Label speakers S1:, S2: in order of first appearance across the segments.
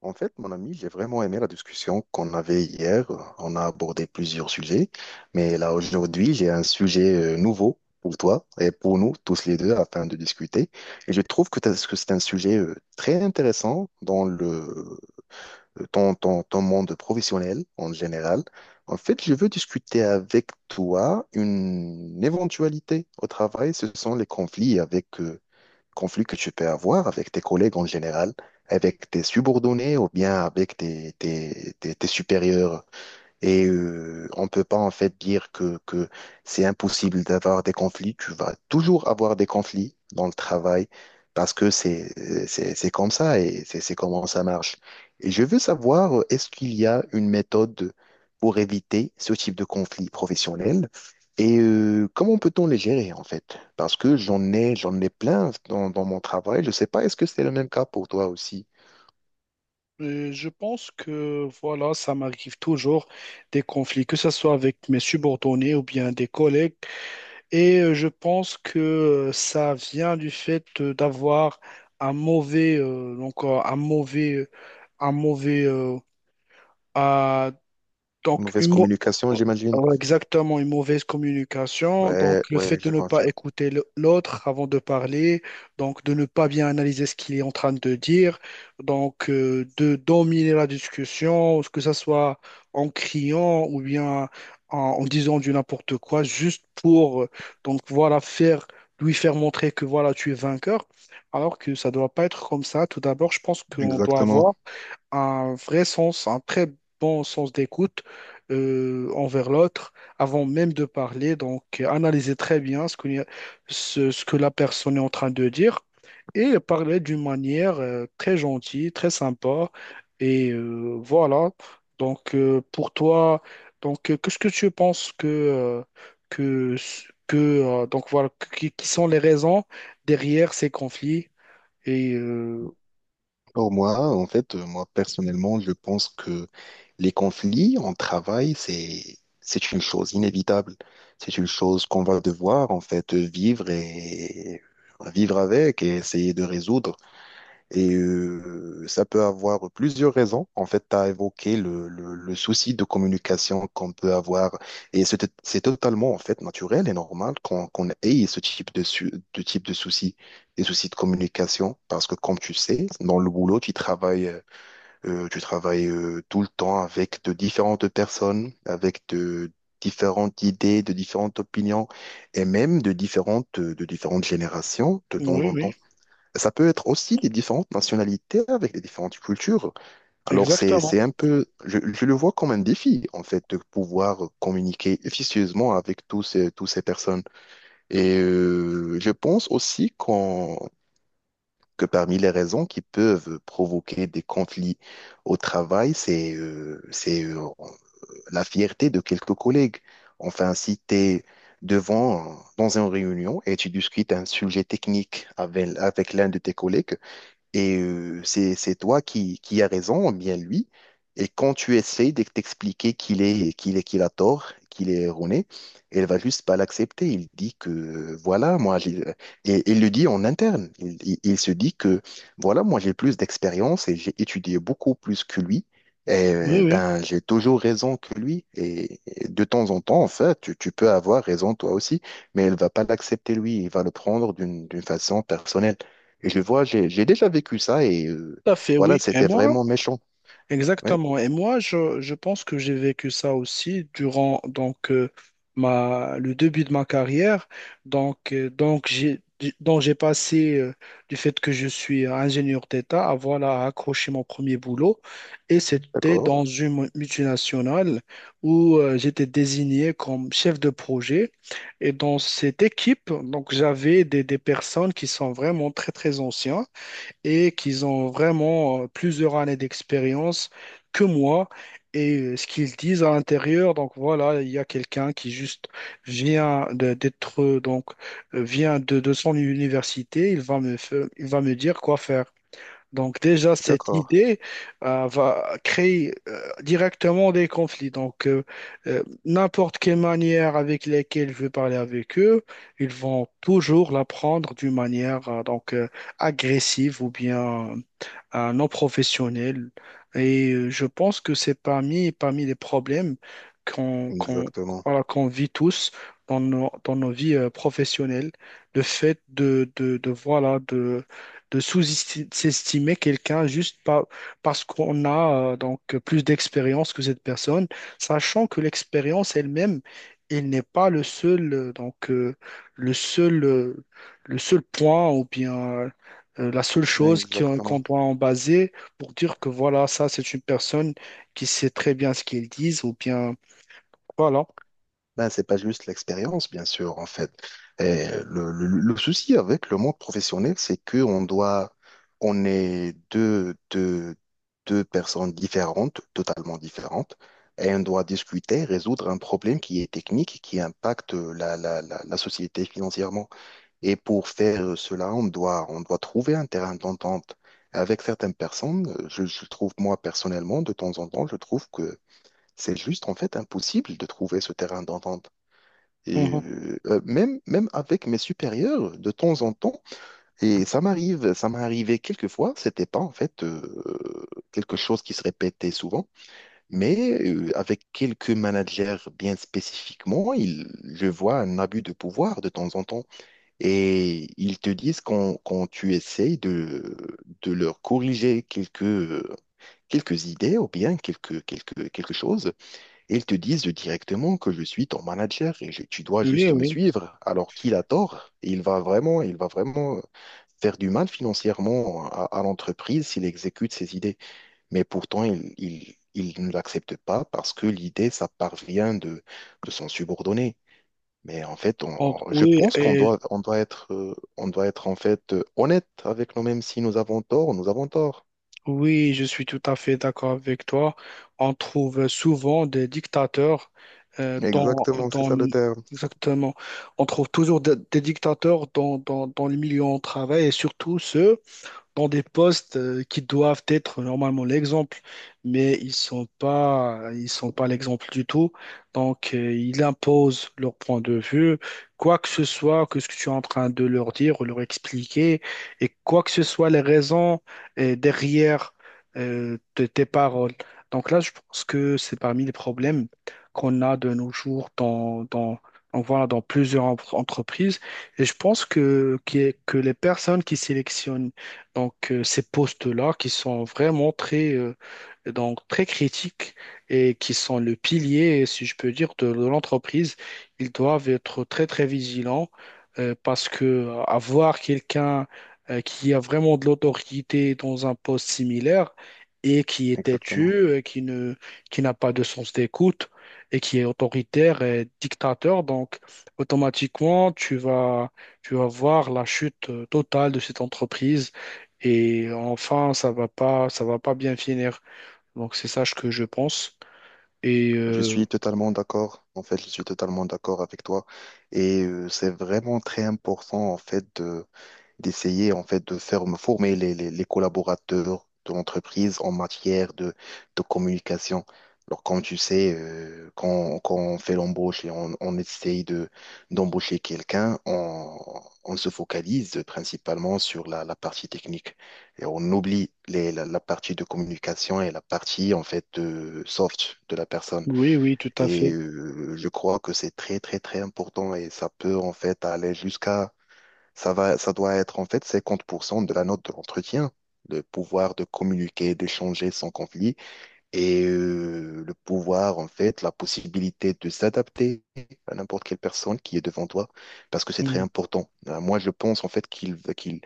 S1: En fait, mon ami, j'ai vraiment aimé la discussion qu'on avait hier. On a abordé plusieurs sujets, mais là aujourd'hui, j'ai un sujet nouveau pour toi et pour nous tous les deux afin de discuter. Et je trouve que, que c'est un sujet très intéressant dans ton monde professionnel en général. En fait, je veux discuter avec toi une éventualité au travail. Ce sont les conflits conflits que tu peux avoir avec tes collègues en général, avec tes subordonnés ou bien avec tes supérieurs et on peut pas en fait dire que c'est impossible d'avoir des conflits. Tu vas toujours avoir des conflits dans le travail parce que c'est comme ça et c'est comment ça marche. Et je veux savoir, est-ce qu'il y a une méthode pour éviter ce type de conflit professionnel et comment peut-on les gérer en fait? Parce que j'en ai plein dans mon travail. Je sais pas, est-ce que c'est le même cas pour toi aussi?
S2: Je pense que voilà, ça m'arrive toujours des conflits, que ce soit avec mes subordonnés ou bien des collègues. Et je pense que ça vient du fait d'avoir un mauvais, donc un mauvais, ah, donc
S1: Mauvaise communication, j'imagine.
S2: ouais, exactement, une mauvaise communication. Donc,
S1: Ouais,
S2: le
S1: ouais,
S2: fait
S1: je
S2: de
S1: le
S2: ne pas
S1: confirme.
S2: écouter l'autre avant de parler, donc de ne pas bien analyser ce qu'il est en train de dire, donc de dominer la discussion, que ce soit en criant ou bien en disant du n'importe quoi, juste pour donc voilà faire lui faire montrer que voilà tu es vainqueur, alors que ça doit pas être comme ça. Tout d'abord, je pense qu'on doit
S1: Exactement.
S2: avoir un vrai sens, un très bon sens d'écoute envers l'autre avant même de parler. Donc, analyser très bien ce qu'on y a- ce que la personne est en train de dire et parler d'une manière très gentille, très sympa. Et voilà. Donc, pour toi, donc, qu'est-ce que tu penses que, que, que donc voilà, qui sont les raisons derrière ces conflits? Et
S1: Pour moi, en fait, moi personnellement, je pense que les conflits en travail, c'est une chose inévitable. C'est une chose qu'on va devoir en fait vivre et vivre avec et essayer de résoudre. Et ça peut avoir plusieurs raisons. En fait, tu as évoqué le souci de communication qu'on peut avoir. Et c'est totalement, en fait, naturel et normal qu'on ait ce type de souci, des soucis de communication. Parce que, comme tu sais, dans le boulot, tu travailles tout le temps avec de différentes personnes, avec de différentes idées, de différentes opinions et même de différentes générations de temps
S2: oui,
S1: en
S2: oui,
S1: temps ça peut être aussi des différentes nationalités avec des différentes cultures. Alors,
S2: exactement.
S1: c'est un peu, je le vois comme un défi, en fait, de pouvoir communiquer efficacement avec tous ces personnes. Et je pense aussi que parmi les raisons qui peuvent provoquer des conflits au travail, c'est la fierté de quelques collègues. Enfin, si tu es devant, dans une réunion et tu discutes un sujet technique avec l'un de tes collègues, et c'est toi qui as raison, ou bien lui. Et quand tu essaies de t'expliquer qu'il a tort, qu'il est erroné, elle va juste pas l'accepter. Il dit que, voilà, moi, j'ai... Et il le dit en interne. Il se dit que, voilà, moi, j'ai plus d'expérience et j'ai étudié beaucoup plus que lui. Et
S2: Oui, oui.
S1: ben, j'ai toujours raison que lui. Et de temps en temps, en fait, tu peux avoir raison toi aussi, mais elle va pas l'accepter lui. Il va le prendre d'une façon personnelle. Et je vois, j'ai déjà vécu ça et
S2: Tout à fait,
S1: voilà,
S2: oui. Et
S1: c'était
S2: moi,
S1: vraiment méchant. Ouais.
S2: exactement. Et moi, je pense que j'ai vécu ça aussi durant donc ma le début de ma carrière. Donc euh, donc j'ai donc j'ai passé du fait que je suis ingénieur d'État à voilà à accrocher mon premier boulot et c'était
S1: D'accord,
S2: dans une multinationale où j'étais désigné comme chef de projet. Et dans cette équipe, donc j'avais des personnes qui sont vraiment très anciens et qu'ils ont vraiment plusieurs années d'expérience que moi. Et ce qu'ils disent à l'intérieur, donc voilà, il y a quelqu'un qui juste d'être, vient de son université, il va me, il va me dire quoi faire. Donc déjà, cette
S1: d'accord,
S2: idée va créer directement des conflits. Donc n'importe quelle manière avec laquelle je vais parler avec eux, ils vont toujours la prendre d'une manière agressive ou bien non professionnelle. Et je pense que c'est parmi les problèmes qu'on
S1: exactement,
S2: voilà, qu'on vit tous dans nos vies professionnelles, le fait de, voilà, de sous-estimer quelqu'un parce qu'on a donc plus d'expérience que cette personne, sachant que l'expérience elle-même, elle n'est pas le seul le seul euh, le seul point ou bien la seule chose qu'on
S1: exactement.
S2: doit en baser pour dire que voilà, ça c'est une personne qui sait très bien ce qu'elle dit ou bien voilà.
S1: Ben, c'est pas juste l'expérience, bien sûr, en fait. Et le souci avec le monde professionnel, c'est que on doit, on est deux personnes différentes, totalement différentes, et on doit discuter, résoudre un problème qui est technique, qui impacte la société financièrement. Et pour faire cela, on doit trouver un terrain d'entente. Avec certaines personnes, je trouve, moi, personnellement, de temps en temps, je trouve que c'est juste, en fait, impossible de trouver ce terrain d'entente. Et
S2: Mhm.
S1: même, même avec mes supérieurs, de temps en temps, et ça m'arrive, ça m'est arrivé quelques fois, c'était pas en fait quelque chose qui se répétait souvent, mais avec quelques managers bien spécifiquement, je vois un abus de pouvoir de temps en temps. Et ils te disent quand tu essayes de leur corriger quelques idées ou bien quelque chose, et ils te disent directement que je suis ton manager et tu dois
S2: Oui,
S1: juste me
S2: oui.
S1: suivre. Alors qu'il a tort, il va vraiment faire du mal financièrement à l'entreprise s'il exécute ses idées. Mais pourtant, il ne l'accepte pas parce que l'idée, ça parvient de son subordonné. Mais en fait, je
S2: Oui,
S1: pense qu'on
S2: et
S1: doit, on doit être en fait honnête avec nous-mêmes. Si nous avons tort, nous avons tort.
S2: oui, je suis tout à fait d'accord avec toi. On trouve souvent des dictateurs euh, dans,
S1: Exactement, c'est
S2: dans-
S1: ça le terme.
S2: exactement. On trouve toujours des dictateurs dans le milieu où on travaille et surtout ceux dans des postes qui doivent être normalement l'exemple, mais ils sont pas l'exemple du tout. Donc, ils imposent leur point de vue, quoi que ce soit que ce que tu es en train de leur dire ou leur expliquer, et quoi que ce soit les raisons derrière de tes paroles. Donc là, je pense que c'est parmi les problèmes qu'on a de nos jours on voit dans plusieurs entreprises. Et je pense que les personnes qui sélectionnent donc, ces postes-là qui sont vraiment très critiques et qui sont le pilier, si je peux dire, de l'entreprise, ils doivent être très vigilants parce que avoir quelqu'un qui a vraiment de l'autorité dans un poste similaire et qui est têtu,
S1: Exactement.
S2: qui n'a pas de sens d'écoute et qui est autoritaire et dictateur, donc automatiquement, tu vas voir la chute totale de cette entreprise et enfin, ça va pas bien finir. Donc c'est ça ce que je pense. Et
S1: Je suis totalement d'accord. En fait, je suis totalement d'accord avec toi. Et c'est vraiment très important, en fait, d'essayer, en fait, de faire me former les collaborateurs de l'entreprise en matière de communication. Alors, comme tu sais, quand on fait l'embauche et on essaye d'embaucher quelqu'un, on se focalise principalement sur la partie technique. Et on oublie la partie de communication et la partie, en fait, de soft de la personne.
S2: oui, oui, tout à
S1: Et
S2: fait.
S1: je crois que c'est très, très, très important et ça peut en fait aller jusqu'à, ça va, ça doit être en fait 50% de la note de l'entretien, le pouvoir de communiquer, d'échanger sans conflit. Et le pouvoir, en fait, la possibilité de s'adapter à n'importe quelle personne qui est devant toi, parce que c'est très
S2: Mm.
S1: important. Moi, je pense, en fait,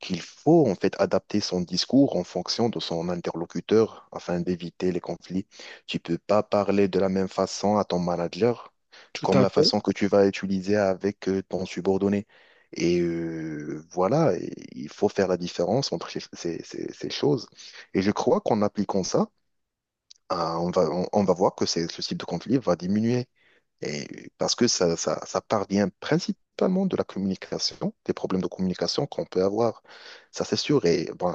S1: qu'il faut, en fait, adapter son discours en fonction de son interlocuteur afin d'éviter les conflits. Tu peux pas parler de la même façon à ton manager
S2: Tout
S1: comme
S2: à
S1: la
S2: fait,
S1: façon que tu vas utiliser avec ton subordonné. Et voilà, et il faut faire la différence entre ces choses. Et je crois qu'en appliquant ça, ah, on va voir que c'est, ce type de conflit va diminuer. Et parce que ça parvient principalement de la communication, des problèmes de communication qu'on peut avoir. Ça, c'est sûr. Et bon,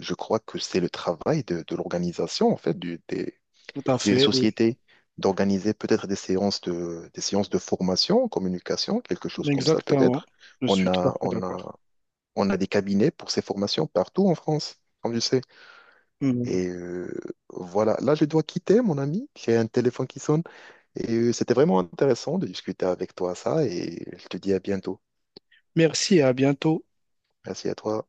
S1: je crois que c'est le travail de l'organisation, en fait,
S2: tout à
S1: des
S2: fait, oui.
S1: sociétés, d'organiser peut-être des séances des séances de formation en communication, quelque chose comme ça,
S2: Exactement.
S1: peut-être.
S2: Je
S1: On
S2: suis tout à
S1: a,
S2: fait
S1: on
S2: d'accord.
S1: a, on a des cabinets pour ces formations partout en France, comme tu sais.
S2: Mm.
S1: Et voilà, là je dois quitter mon ami, j'ai un téléphone qui sonne et c'était vraiment intéressant de discuter avec toi ça et je te dis à bientôt.
S2: Merci, à bientôt.
S1: Merci à toi.